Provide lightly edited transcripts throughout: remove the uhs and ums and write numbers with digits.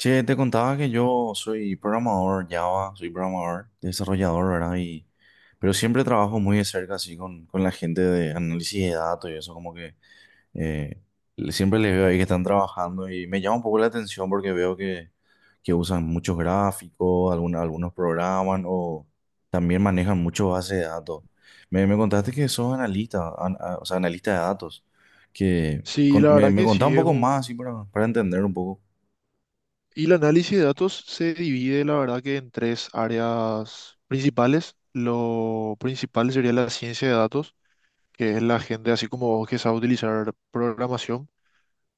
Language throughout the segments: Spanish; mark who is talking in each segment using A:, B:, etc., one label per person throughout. A: Che, te contaba que yo soy programador Java, soy programador, desarrollador, ¿verdad? Y, pero siempre trabajo muy de cerca así con la gente de análisis de datos y eso, como que eh, siempre les veo ahí que están trabajando y me llama un poco la atención porque veo que usan muchos gráficos, algunos programan o también manejan mucho base de datos. Me contaste que sos analista, o sea, analista de datos,
B: Sí, la verdad
A: me
B: que
A: contá un
B: sí es
A: poco más así
B: un...
A: para entender un poco.
B: Y el análisis de datos se divide, la verdad que en tres áreas principales. Lo principal sería la ciencia de datos, que es la gente así como vos que sabe utilizar programación,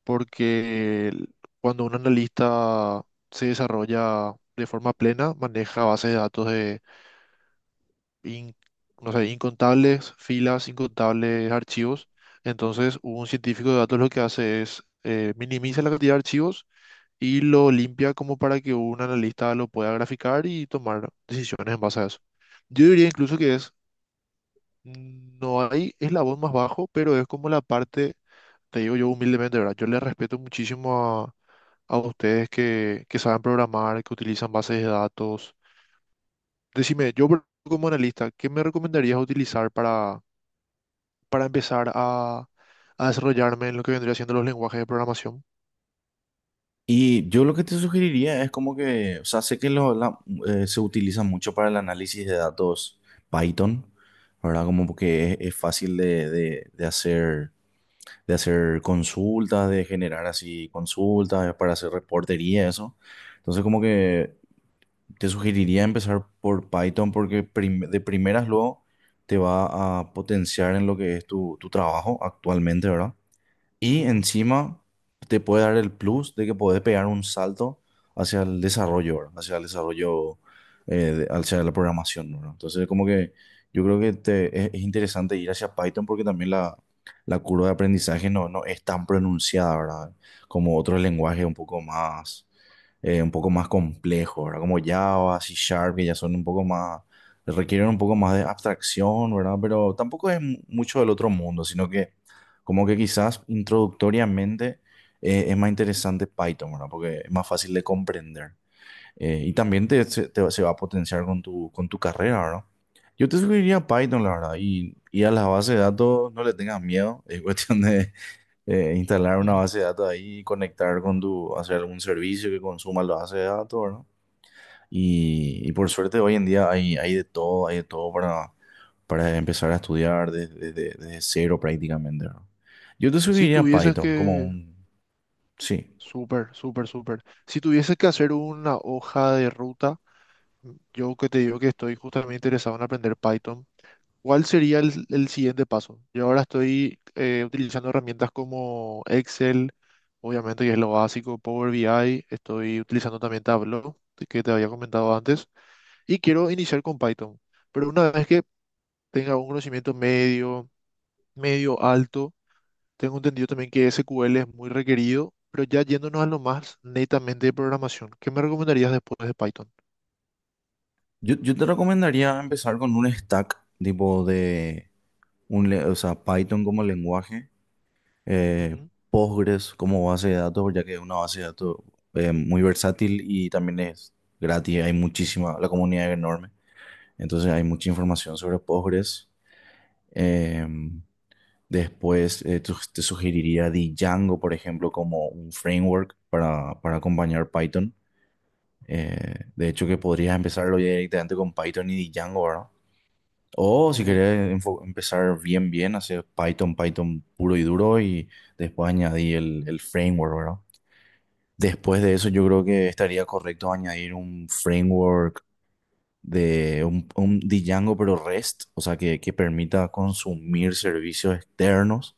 B: porque el- cuando un analista se desarrolla de forma plena, maneja bases de datos de in- no sé, incontables filas, incontables archivos. Entonces, un científico de datos lo que hace es minimiza la cantidad de archivos y lo limpia como para que un analista lo pueda graficar y tomar decisiones en base a eso. Yo diría incluso que es, no hay eslabón más bajo, pero es como la parte, te digo yo humildemente, ¿verdad? Yo le respeto muchísimo a ustedes que saben programar, que utilizan bases de datos. Decime, como analista, ¿qué me recomendarías utilizar para empezar a desarrollarme en lo que vendría siendo los lenguajes de programación?
A: Y yo lo que te sugeriría es como que, o sea, sé que se utiliza mucho para el análisis de datos Python, ¿verdad? Como que es fácil de, de hacer consultas, de generar así consultas, para hacer reportería, eso. Entonces, como que te sugeriría empezar por Python porque de primeras luego te va a potenciar en lo que es tu, tu trabajo actualmente, ¿verdad? Y
B: Ujú,
A: encima te puede dar el plus de que podés pegar un salto hacia el desarrollo, ¿verdad? Hacia el desarrollo, eh, hacia la programación, ¿verdad? Entonces, como que yo creo que es interesante ir hacia Python porque también la curva de aprendizaje no, no es tan pronunciada, ¿verdad? Como otros lenguajes un poco más complejos, ¿verdad? Como Java, C Sharp, que ya son un poco más, requieren un poco más de abstracción, ¿verdad? Pero tampoco es mucho del otro mundo, sino que como que quizás introductoriamente es más interesante Python, ¿verdad? Porque es más fácil de comprender. Y también se va a potenciar con tu carrera, ¿verdad? Yo te sugeriría Python, la verdad. Y a las bases de datos no le tengas miedo. Es cuestión de instalar una
B: ujú.
A: base de datos ahí y conectar con tu, hacer algún servicio que consuma la base de datos, ¿verdad? Y por suerte hoy en día hay, hay de todo para empezar a estudiar desde, desde cero prácticamente, ¿verdad? Yo te
B: Si
A: sugeriría
B: tuvieses
A: Python como
B: que,
A: un... Sí.
B: súper, súper, súper. Si tuvieses que hacer una hoja de ruta, yo que te digo que estoy justamente interesado en aprender Python, ¿cuál sería el siguiente paso? Yo ahora estoy utilizando herramientas como Excel, obviamente que es lo básico, Power BI, estoy utilizando también Tableau, que te había comentado antes, y quiero iniciar con Python. Pero una vez que tenga un conocimiento medio, medio alto. Tengo entendido también que SQL es muy requerido, pero ya yéndonos a lo más netamente de programación, ¿qué me recomendarías después de Python?
A: Yo te recomendaría empezar con un stack tipo de... O sea, Python como lenguaje, eh,
B: Ujú,
A: Postgres como base de datos, ya que es una base de datos muy versátil y también es gratis, hay muchísima, la comunidad es enorme, entonces hay mucha información sobre Postgres. Em, Después te sugeriría Django, por ejemplo, como un framework para acompañar Python. De hecho, que podrías empezarlo ya directamente con Python y Django, ¿verdad? O si
B: ok.
A: querés empezar bien, bien, hacer Python, Python puro y duro y después añadir el framework, ¿verdad? Después de eso, yo creo que estaría correcto añadir un framework de un Django pero REST, o sea, que permita consumir servicios externos,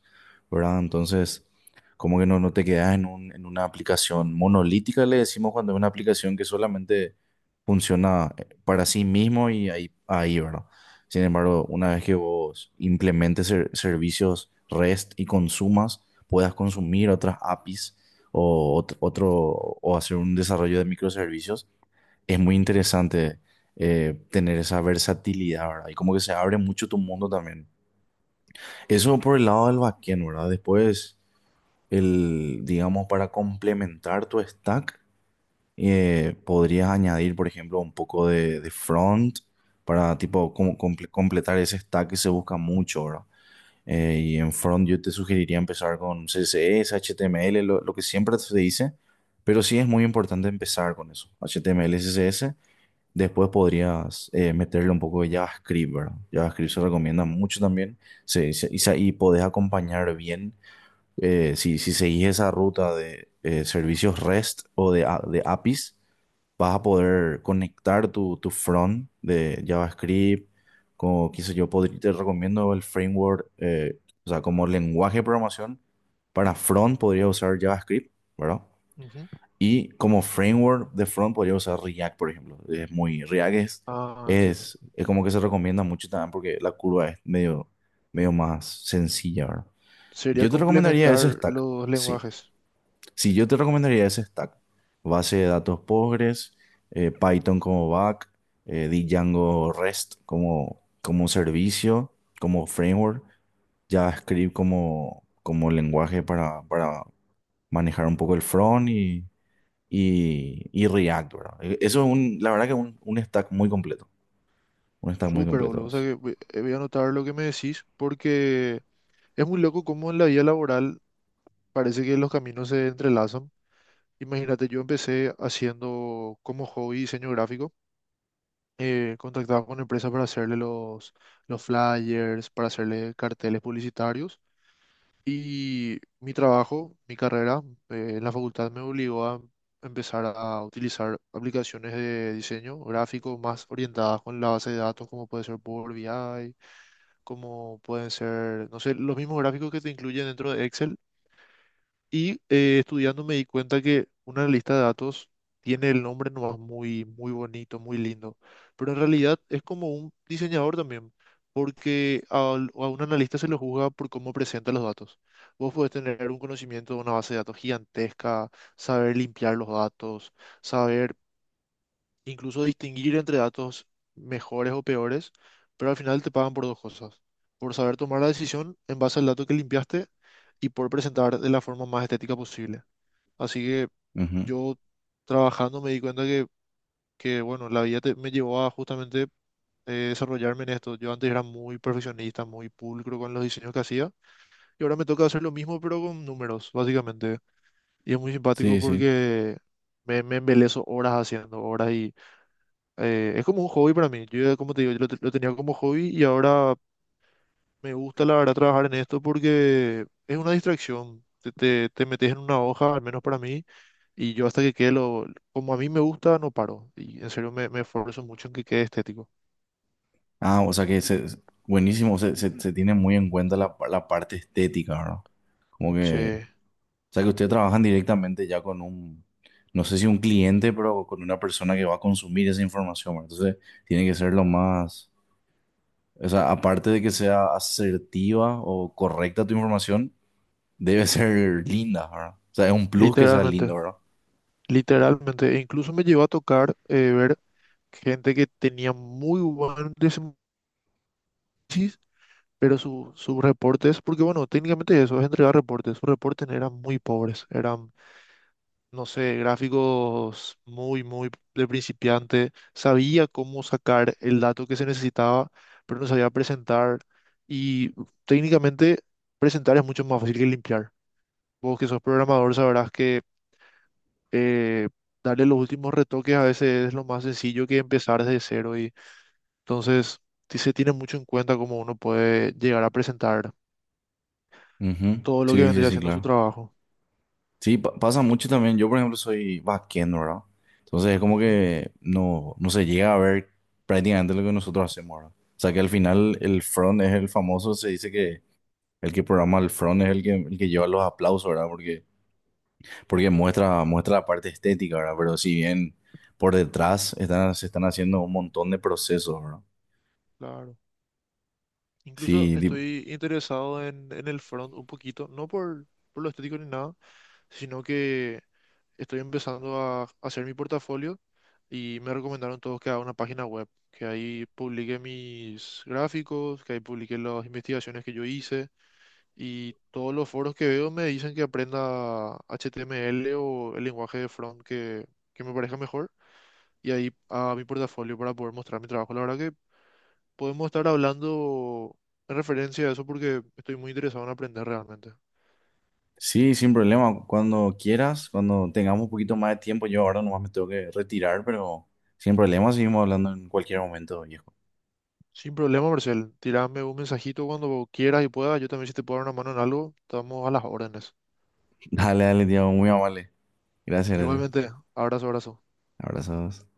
A: ¿verdad? Entonces, como que no, no te quedas en en una aplicación monolítica, le decimos cuando es una aplicación que solamente funciona para sí mismo y ahí, ¿verdad? Sin embargo, una vez que vos implementes servicios REST y consumas, puedas consumir otras APIs o otro, o hacer un desarrollo de microservicios es muy
B: Ujú,
A: interesante tener esa versatilidad, ¿verdad? Y como que se abre mucho tu mundo también. Eso por el lado del backend, ¿verdad? Después, el, digamos, para complementar tu stack, podrías añadir, por ejemplo, un poco de front para, tipo, como completar ese stack que se busca mucho, ¿verdad? Y en front yo te sugeriría empezar con CSS, HTML, lo que siempre se dice, pero sí es muy importante empezar con eso, HTML, CSS. Después podrías meterle un poco de JavaScript, ¿verdad? JavaScript se recomienda mucho también, y, y podés acompañar bien, si seguís esa ruta de servicios REST o de, de APIs, vas a poder conectar tu, tu front de JavaScript, como qué sé yo, podría, te recomiendo el framework, o sea, como lenguaje de programación para front podría usar JavaScript, ¿verdad?
B: ujú.
A: Y como framework de front podría usar React, por ejemplo. Es muy, React es,
B: Ah, entiendo.
A: es como que se recomienda mucho también porque la curva es medio, medio más sencilla, ¿verdad?
B: Sería
A: Yo te recomendaría ese
B: complementar
A: stack,
B: los
A: sí.
B: lenguajes.
A: Sí, yo te recomendaría ese stack. Base de datos Postgres, Python como back, Django REST como, como servicio, como framework, JavaScript como, como lenguaje para manejar un poco el front y React, ¿verdad? Eso es un, la verdad que es un stack muy completo. Un stack muy
B: Súper,
A: completo
B: boludo. O sea
A: es.
B: que voy voy a anotar lo que me decís porque es muy loco cómo en la vida laboral parece que los caminos se entrelazan. Imagínate, yo empecé haciendo como hobby diseño gráfico, contactaba con empresas para hacerle los flyers, para hacerle carteles publicitarios. Y mi trabajo, mi carrera, en la facultad me obligó a empezar a utilizar aplicaciones de diseño gráfico más orientadas con la base de datos, como puede ser Power BI, como pueden ser, no sé, los mismos gráficos que te incluyen dentro de Excel, y estudiando me di cuenta que una lista de datos tiene el nombre nomás muy, muy bonito, muy lindo, pero en realidad es como un diseñador también, porque un analista se lo juzga por cómo presenta los datos. Vos podés tener un conocimiento de una base de datos gigantesca, saber limpiar los datos, saber incluso distinguir entre datos mejores o peores, pero al final te pagan por dos cosas, por saber tomar la decisión en base al dato que limpiaste y por presentar de la forma más estética posible. Así que
A: Ujú.
B: yo trabajando me di cuenta que bueno, me llevó a justamente, desarrollarme en esto. Yo antes era muy perfeccionista, muy pulcro con los diseños que hacía y ahora me toca hacer lo mismo pero con números, básicamente. Y es muy simpático
A: Sí, sí.
B: porque me embeleso horas haciendo horas y, es como un hobby para mí. Yo, ya, como te digo, lo tenía como hobby y ahora me gusta la verdad trabajar en esto porque es una distracción. Te metes en una hoja, al menos para mí, y yo hasta que quede lo, como a mí me gusta, no paro. Y en serio me esfuerzo mucho en que quede estético.
A: Ah, o sea que es buenísimo, se tiene muy en cuenta la, la parte estética, ¿verdad? Como
B: Sí,
A: que, o sea que ustedes trabajan directamente ya con un, no sé si un cliente, pero con una persona que va a consumir esa información, ¿verdad? Entonces, tiene que ser lo más, o sea, aparte de que sea asertiva o correcta tu información, debe ser linda, ¿verdad? O sea, es un plus que sea
B: literalmente,
A: lindo.
B: literalmente. E incluso me llevó a tocar ver gente que tenía muy buen desempeño, pero sus reportes, porque bueno, técnicamente eso es entregar reportes. Sus reportes eran muy pobres, eran, no sé, gráficos muy, muy de principiante. Sabía cómo sacar el dato que se necesitaba, pero no sabía presentar. Y técnicamente presentar es mucho más fácil que limpiar. Vos que sos programador sabrás que, eh, darle los últimos retoques a veces es lo más sencillo que empezar desde cero. Y entonces sí se tiene mucho en cuenta cómo uno puede llegar a presentar
A: Ujú.
B: todo lo que
A: Sí, sí,
B: vendría
A: sí,
B: haciendo su
A: claro.
B: trabajo.
A: Sí, pasa mucho también. Yo, por ejemplo, soy backend, ¿verdad? Entonces es como
B: Ujú,
A: que no, no se llega a ver prácticamente lo que nosotros hacemos, ¿verdad? O sea que al final el front es el famoso, se dice que el que programa el front es el que lleva los aplausos, ¿verdad? Porque, porque muestra, muestra la parte estética, ¿verdad? Pero si bien por detrás están, se están haciendo un montón de procesos, ¿verdad?
B: claro. Incluso
A: Sí,
B: estoy interesado en el front un poquito, no por, por lo estético ni nada, sino que estoy empezando a hacer mi portafolio y me recomendaron todos que haga una página web, que ahí publique mis gráficos, que ahí publique las investigaciones que yo hice, y todos los foros que veo me dicen que aprenda HTML o el lenguaje de front que me parezca mejor y ahí a mi portafolio para poder mostrar mi trabajo. La verdad, podemos estar hablando en referencia a eso porque estoy muy interesado en aprender realmente.
A: sí, sin problema. Cuando quieras, cuando tengamos un poquito más de tiempo, yo ahora nomás me tengo que retirar, pero sin problema, seguimos hablando en cualquier momento, viejo.
B: Sin problema, Marcel. Tirame un mensajito cuando quieras y puedas. Yo también, si te puedo dar una mano en algo, estamos a las órdenes.
A: Dale, dale, Diego, muy amable. Gracias, gracias.
B: Igualmente, abrazo, abrazo.
A: Abrazos.